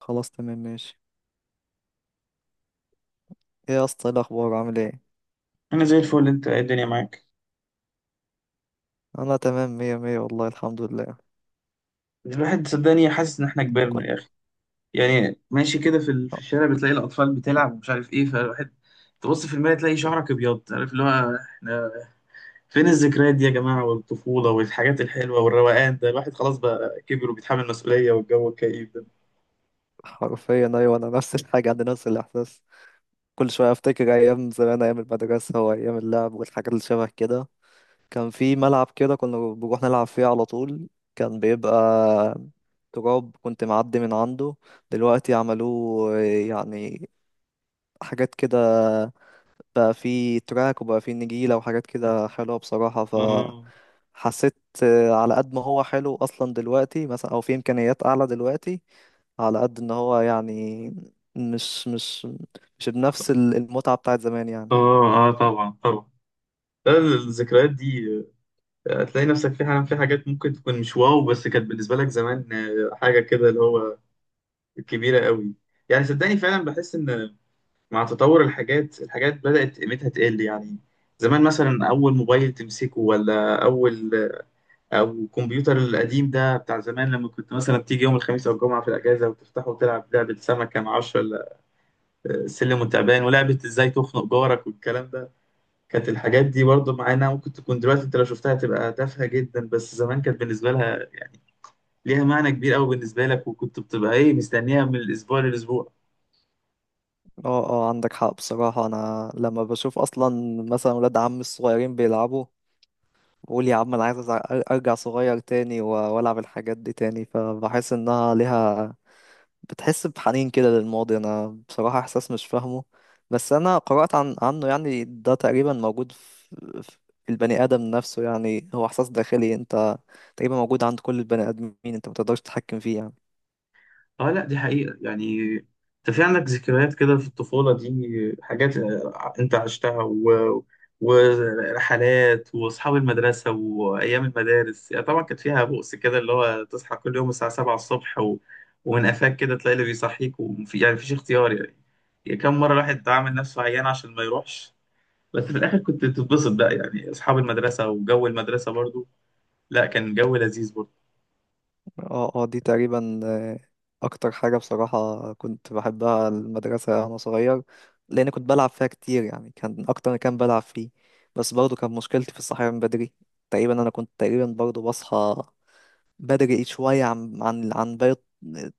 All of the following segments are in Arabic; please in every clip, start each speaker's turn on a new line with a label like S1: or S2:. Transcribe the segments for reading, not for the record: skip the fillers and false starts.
S1: خلاص تمام ماشي. ايه يا اسطى؟ ايه الاخبار؟ عامل ايه؟
S2: انا زي الفل. انت إيه الدنيا معاك؟
S1: انا تمام مية مية والله الحمد لله.
S2: الواحد صدقني حاسس ان احنا كبرنا يا
S1: كنت
S2: اخي. يعني ماشي كده في
S1: آه،
S2: الشارع بتلاقي الاطفال بتلعب ومش عارف ايه، فالواحد تبص في المرايه تلاقي شعرك ابيض، عارف اللي هو احنا فين؟ الذكريات دي يا جماعه والطفوله والحاجات الحلوه والروقان ده، الواحد خلاص بقى كبر وبيتحمل مسؤوليه والجو الكئيب ده.
S1: حرفيا ايوه، انا نفس الحاجه، عندي نفس الاحساس. كل شويه افتكر ايام زمان، ايام المدرسه وايام اللعب والحاجات اللي شبه كده. كان في ملعب كده كنا بنروح نلعب فيه على طول. كان بيبقى تراب، كنت معدي من عنده. دلوقتي عملوه يعني حاجات كده، بقى فيه تراك وبقى فيه نجيلة وحاجات كده حلوة بصراحة.
S2: اه،
S1: فحسيت على قد ما هو حلو أصلا دلوقتي مثلا، أو فيه إمكانيات أعلى دلوقتي، على قد إن هو يعني مش مش مش بنفس المتعة بتاعت زمان يعني.
S2: اه، اه، طبعا، طبعا. لا، الذكريات دي هتلاقي نفسك في حاجة، في حاجات ممكن تكون مش واو بس كانت بالنسبة لك زمان حاجة كده اللي هو كبيرة قوي. يعني صدقني فعلا بحس ان مع تطور الحاجات، الحاجات بدأت قيمتها تقل يعني. زمان مثلا أول موبايل تمسكه، ولا أول أو الكمبيوتر القديم ده بتاع زمان، لما كنت مثلا تيجي يوم الخميس أو الجمعة في الأجازة وتفتحه وتلعب لعبة سمكة مع عشرة، ولا سلم وتعبان ولعبة إزاي تخنق جارك والكلام ده. كانت الحاجات دي برضه معانا، ممكن تكون دلوقتي أنت لو شفتها تبقى تافهة جدا، بس زمان كانت بالنسبة لها يعني ليها معنى كبير أوي بالنسبة لك، وكنت بتبقى إيه، مستنيها من الأسبوع للأسبوع.
S1: اه، اه، عندك حق بصراحة. أنا لما بشوف أصلا مثلا ولاد عمي الصغيرين بيلعبوا بقول يا عم أنا عايز أرجع صغير تاني وألعب الحاجات دي تاني، فبحس إنها ليها، بتحس بحنين كده للماضي. أنا بصراحة إحساس مش فاهمه، بس أنا قرأت عنه يعني، ده تقريبا موجود في البني آدم نفسه، يعني هو إحساس داخلي، أنت تقريبا موجود عند كل البني آدمين، أنت متقدرش تتحكم فيه يعني.
S2: اه، لا دي حقيقة يعني. انت في عندك ذكريات كده في الطفولة، دي حاجات انت عشتها، ورحلات واصحاب المدرسة وايام المدارس، يعني طبعا كانت فيها بؤس كده اللي هو تصحى كل يوم الساعة 7 الصبح، ومن قفاك كده تلاقي اللي بيصحيك، وفي يعني مفيش اختيار يعني. يعني كم مرة الواحد عامل نفسه عيان عشان ما يروحش. بس في الاخر كنت بتتبسط بقى، يعني اصحاب المدرسة وجو المدرسة برضو. لا كان جو لذيذ برضو
S1: اه، اه، دي تقريبا. اكتر حاجة بصراحة كنت بحبها المدرسة وانا صغير، لان كنت بلعب فيها كتير، يعني كان اكتر ما كان بلعب فيه. بس برضه كان مشكلتي في الصحيان من بدري. تقريبا انا كنت تقريبا برضه بصحى بدري شوية عن باقي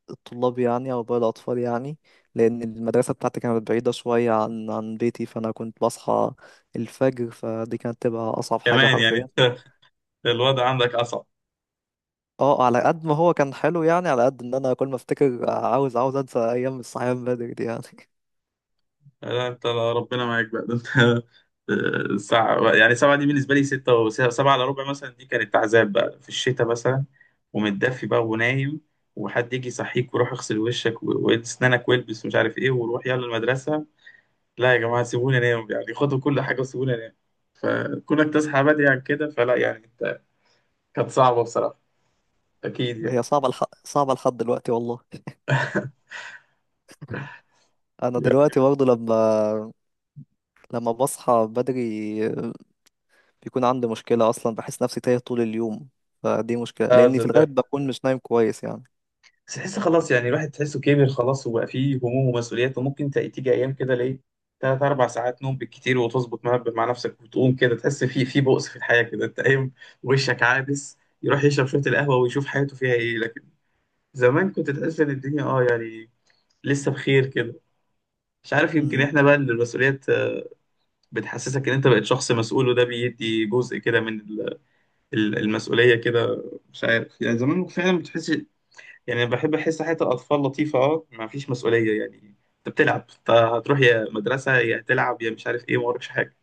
S1: الطلاب يعني، او باقي الاطفال يعني. لان المدرسة بتاعتي كانت بعيدة شوية عن بيتي، فانا كنت بصحى الفجر، فدي كانت تبقى اصعب حاجة
S2: كمان
S1: حرفيا.
S2: يعني. الوضع عندك.
S1: اه، على قد ما هو كان حلو يعني، على قد ان انا كل ما افتكر عاوز، عاوز انسى ايام الصحيان من بدري دي يعني.
S2: لا انت، لا، ربنا معاك بقى، ده انت. ساعة يعني سبعة، دي بالنسبة لي ستة وسبعة إلا ربع مثلا، دي كانت عذاب بقى في الشتاء مثلا، ومتدفي بقى ونايم، وحد يجي يصحيك، وروح اغسل وشك وإد سنانك والبس ومش عارف ايه، وروح يلا المدرسة. لا يا جماعة سيبوني انام يعني، خدوا كل حاجة وسيبوني انام. كونك تصحى بدري عن كده فلا يعني انت، كانت صعبة بصراحة. أكيد يعني.
S1: هي صعبه صعبه لحد دلوقتي والله. انا
S2: يعني
S1: دلوقتي برضه لما بصحى بدري بيكون عندي مشكله اصلا، بحس نفسي تايه طول اليوم، فدي مشكله
S2: اه
S1: لاني في
S2: صدقني.
S1: الغالب بكون مش نايم كويس يعني.
S2: بس تحس خلاص يعني، الواحد تحسه كبر خلاص وبقى فيه هموم ومسؤوليات، وممكن تيجي ايام كده ليه تلات اربع ساعات نوم بالكتير، وتظبط مع نفسك وتقوم كده تحس في بؤس في الحياه كده، انت قايم وشك عابس، يروح يشرب شويه القهوه ويشوف حياته فيها ايه. لكن زمان كنت تحس ان الدنيا يعني لسه بخير كده. مش عارف، يمكن
S1: امم.
S2: احنا بقى اللي المسؤوليات بتحسسك ان انت بقيت شخص مسؤول، وده بيدي جزء كده من المسؤوليه كده. مش عارف يعني، زمان فعلا بتحس يعني، بحب احس حياه الاطفال لطيفه ما فيش مسؤوليه يعني. انت بتلعب، انت هتروح يا مدرسه يا تلعب يا مش عارف ايه، ما وراكش حاجه.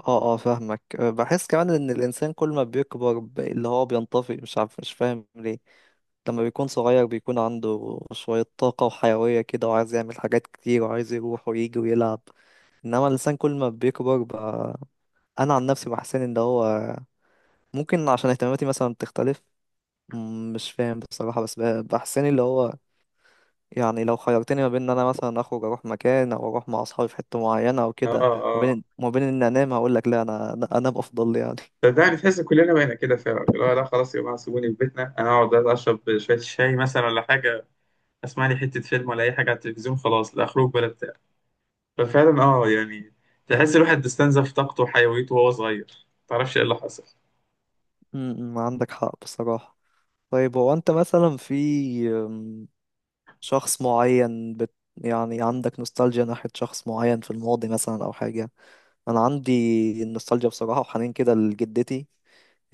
S1: اه، اه، فاهمك. بحس كمان ان الانسان كل ما بيكبر اللي هو بينطفي، مش عارف، مش فاهم ليه. لما بيكون صغير بيكون عنده شوية طاقة وحيوية كده وعايز يعمل حاجات كتير وعايز يروح ويجي ويلعب، إنما الإنسان كل ما بيكبر بقى، أنا عن نفسي بحسن إن هو ممكن عشان اهتماماتي مثلا بتختلف. مش فاهم بصراحة، بس بحسن اللي هو يعني لو خيرتني ما بين إن أنا مثلا أخرج أروح مكان أو أروح مع أصحابي في حتة معينة أو
S2: اه،
S1: كده ما
S2: اه،
S1: بين ما بين إن أنام، هقول لك لا، أنا أنام أفضل لي يعني.
S2: صدقني تحس كلنا بقينا كده فعلا اللي هو لا خلاص يا جماعه، سيبوني في بيتنا، انا اقعد اشرب شويه شاي مثلا ولا حاجه، اسمع لي حته فيلم ولا اي حاجه على التلفزيون، خلاص لا خروج ولا بتاع. ففعلا يعني تحس الواحد استنزف طاقته وحيويته وهو صغير، ما تعرفش ايه اللي حصل.
S1: مم، مم، عندك حق بصراحة. طيب هو أنت مثلا في شخص معين يعني عندك نوستالجيا ناحية شخص معين في الماضي مثلا أو حاجة؟ أنا عندي النوستالجيا بصراحة وحنين كده لجدتي.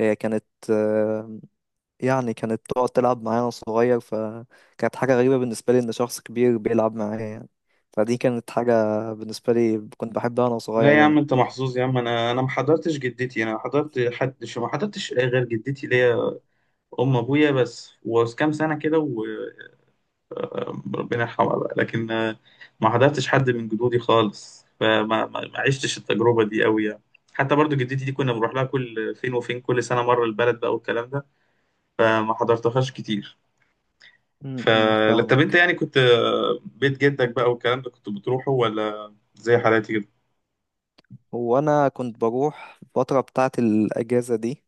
S1: هي كانت، آه، يعني كانت تقعد تلعب معايا وأنا صغير، فكانت حاجة غريبة بالنسبة لي إن شخص كبير بيلعب معايا يعني. فدي كانت حاجة بالنسبة لي كنت بحبها وأنا
S2: لا
S1: صغير
S2: يا عم
S1: يعني.
S2: انت محظوظ يا عم، انا ما حضرتش جدتي، انا حضرت حد شو، ما حضرتش غير جدتي ليا أم أبويا بس، وكام سنة كده وربنا يرحمها بقى، لكن ما حضرتش حد من جدودي خالص، فما ما ما عشتش التجربة دي قوي يعني. حتى برضو جدتي دي كنا بنروح لها كل فين وفين، كل سنة مرة البلد بقى والكلام ده، فما حضرتهاش كتير.
S1: م-
S2: ف
S1: م،
S2: لا، طب انت
S1: فاهمك.
S2: يعني كنت بيت جدك بقى والكلام ده كنت بتروحه ولا زي حالاتي كده؟
S1: هو انا كنت بروح الفتره بتاعه الاجازه دي.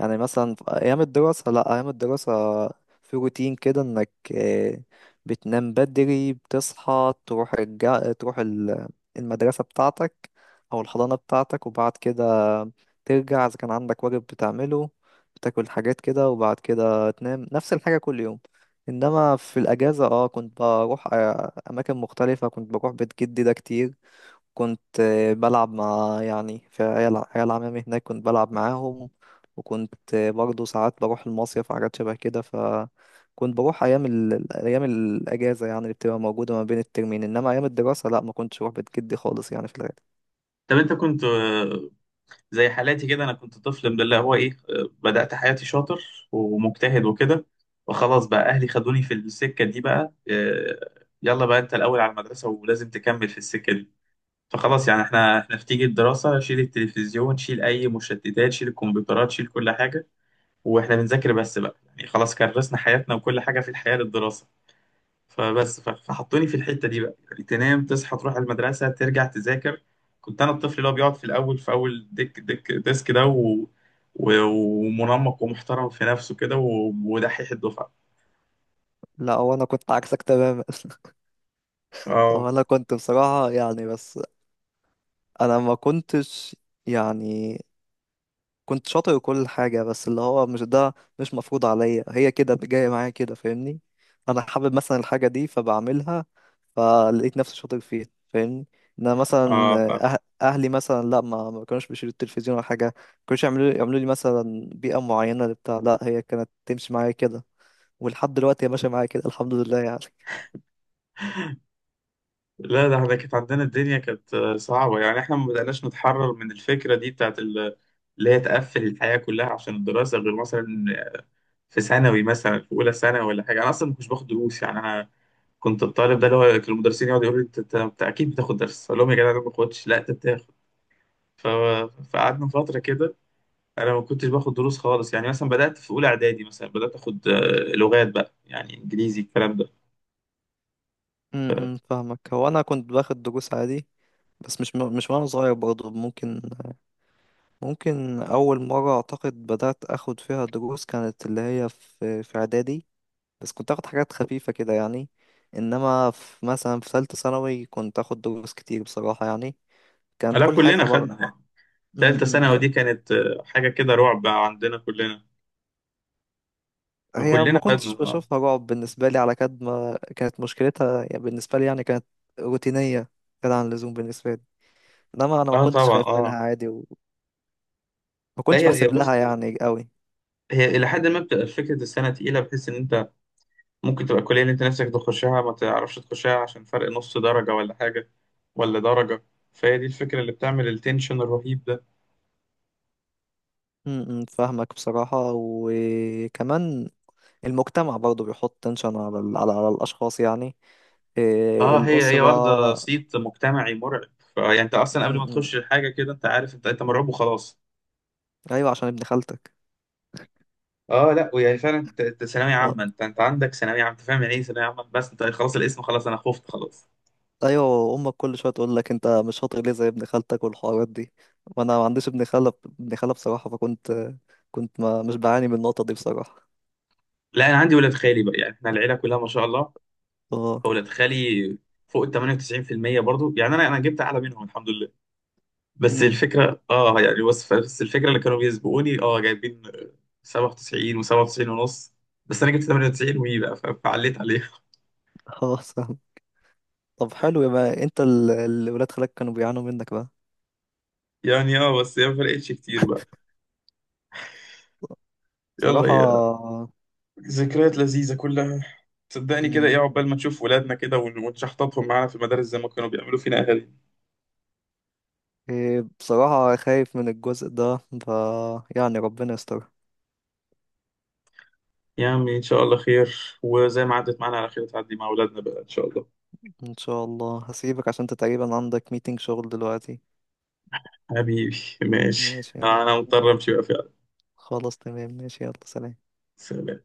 S1: يعني مثلا في ايام الدراسه، لا، ايام الدراسه في روتين كده انك بتنام بدري، بتصحى تروح المدرسه بتاعتك او الحضانه بتاعتك، وبعد كده ترجع اذا كان عندك واجب بتعمله، بتاكل حاجات كده وبعد كده تنام نفس الحاجه كل يوم. انما في الاجازه كنت بروح اماكن مختلفه، كنت بروح بيت جدي ده كتير. كنت بلعب مع يعني في عيال عمامي هناك، كنت بلعب معاهم. وكنت برضه ساعات بروح المصيف وحاجات شبه كده. فكنت بروح أيام الأجازة يعني اللي بتبقى موجودة ما بين الترمين، إنما أيام الدراسة لأ، ما كنتش بروح بيت جدي خالص يعني في الغالب.
S2: طب انت كنت زي حالاتي كده، انا كنت طفل من اللي هو ايه بدأت حياتي شاطر ومجتهد وكده، وخلاص بقى اهلي خدوني في السكة دي بقى يلا بقى انت الاول على المدرسة ولازم تكمل في السكة دي. فخلاص يعني احنا في، تيجي الدراسة شيل التلفزيون، شيل اي مشتتات، شيل الكمبيوترات، شيل كل حاجة واحنا بنذاكر بس بقى يعني، خلاص كرسنا حياتنا وكل حاجة في الحياة للدراسة. فبس فحطوني في الحتة دي بقى يعني، تنام تصحى تروح المدرسة ترجع تذاكر. كنت أنا الطفل اللي هو بيقعد في الأول في أول ديك ديك ديسك ده، ومنمق ومحترم في نفسه كده، ودحيح الدفعة.
S1: لا هو أنا كنت عكسك تماما.
S2: اه،
S1: هو أنا كنت بصراحة يعني بس أنا ما كنتش يعني، كنت شاطر وكل حاجة بس اللي هو مش ده، مش مفروض عليا، هي كده جاية معايا كده، فاهمني؟ أنا حابب مثلا الحاجة دي فبعملها، فلقيت نفسي شاطر فيها فاهمني. إن مثلا
S2: اه،
S1: أهلي مثلا، لا، ما كانوش بيشيلوا التلفزيون ولا حاجة، ما كانوش يعملوا لي مثلا بيئة معينة لبتاع، لا، هي كانت تمشي معايا كده، ولحد دلوقتي هي ماشية معايا كده الحمد لله يعني.
S2: لا ده احنا كانت عندنا الدنيا كانت صعبة، يعني احنا ما بدأناش نتحرر من الفكرة دي بتاعت اللي هي تقفل الحياة كلها عشان الدراسة، غير مثلا في ثانوي مثلا. في أولى ثانوي ولا حاجة أنا أصلا ما كنتش باخد دروس يعني، أنا كنت الطالب ده اللي هو كان المدرسين يقعدوا يقولوا لي انت اكيد بتاخد درس، اقول لهم يا جدع انا ما باخدش، لا انت بتاخد. ف... فقعدنا فتره كده، انا ما كنتش باخد دروس خالص يعني، مثلا بدات في اولى اعدادي مثلا بدات اخد لغات بقى يعني انجليزي الكلام ده.
S1: م- م، فاهمك. هو أنا كنت باخد دروس عادي، بس مش وأنا صغير برضه، ممكن أول مرة أعتقد بدأت أخد فيها دروس كانت اللي هي في إعدادي، بس كنت أخد حاجات خفيفة كده يعني. إنما في مثلا في ثالثة ثانوي كنت أخد دروس كتير بصراحة يعني، كانت
S2: لا
S1: كل
S2: كلنا
S1: حياتي عبارة.
S2: خدنا يعني،
S1: م-
S2: ثالثه
S1: م،
S2: ثانوي دي كانت حاجه كده رعب بقى عندنا كلنا،
S1: هي ما
S2: فكلنا خدنا
S1: كنتش
S2: اه،
S1: بشوفها رعب بالنسبة لي، على قد ما كانت مشكلتها يعني بالنسبة لي، يعني كانت روتينية كده عن اللزوم بالنسبة لي، إنما أنا ما
S2: اه،
S1: كنتش
S2: طبعا،
S1: خايف منها
S2: اه.
S1: عادي وما
S2: لا
S1: كنتش
S2: هي
S1: بحسب
S2: بص،
S1: لها يعني قوي.
S2: هي الى حد ما بتبقى فكره السنه تقيله بحيث ان انت ممكن تبقى الكلية اللي انت نفسك تخشها ما تعرفش تخشها عشان فرق نص درجة ولا حاجة ولا درجة، فهي دي الفكرة اللي بتعمل التنشن الرهيب ده.
S1: م- م، فاهمك بصراحة. وكمان المجتمع برضه بيحط تنشن على على الأشخاص يعني، إيه،
S2: اه هي واخدة
S1: الأسرة.
S2: صيت مجتمعي مرعب، فيعني انت اصلا قبل
S1: م-
S2: ما
S1: م.
S2: تخش الحاجة كده انت عارف، انت مرعوب وخلاص.
S1: أيوة عشان ابن خالتك.
S2: اه، لا ويعني فعلا انت ثانوية
S1: آه،
S2: عامة، انت عندك ثانوية عامة، انت فاهم يعني ايه ثانوية عامة، بس انت خلاص الاسم خلاص انا خفت خلاص.
S1: أيوة أمك كل شوية تقول لك أنت مش شاطر ليه زي ابن خالتك والحوارات دي، وأنا ما عنديش ابن خالة، ابن خالة بصراحة، فكنت ما مش بعاني من النقطة دي بصراحة.
S2: لا انا عندي ولاد خالي بقى يعني، احنا العيلة كلها ما شاء الله،
S1: اه.
S2: فولاد خالي فوق ال 98% برضو، يعني انا جبت اعلى منهم الحمد لله. بس
S1: امم.
S2: الفكرة يعني، بس الفكرة اللي كانوا بيسبقوني جايبين 97 و97 ونص، بس انا جبت 98 وي بقى فعليت عليها.
S1: خلاص فاهم. طب حلو، يبقى أنت الولاد خالك كانوا بيعانوا منك بقى
S2: يعني بس هي ما فرقتش كتير بقى.
S1: بصراحة.
S2: يلا يا، ذكريات لذيذة كلها، صدقني كده
S1: مم.
S2: ايه عقبال ما نشوف ولادنا كده، ونشحططهم معانا في المدارس زي ما كانوا بيعملوا فينا اهالي.
S1: إيه، بصراحة خايف من الجزء ده، يعني ربنا يستر.
S2: يا عمي ان شاء الله خير، وزي ما عدت معانا على خير تعدي مع ولادنا بقى ان شاء الله.
S1: ان شاء الله هسيبك عشان انت تقريبا عندك ميتنج شغل دلوقتي.
S2: حبيبي، ماشي،
S1: ماشي يلا.
S2: انا مضطر امشي بقى فعلا،
S1: خلاص تمام ماشي يلا، سلام.
S2: سلام.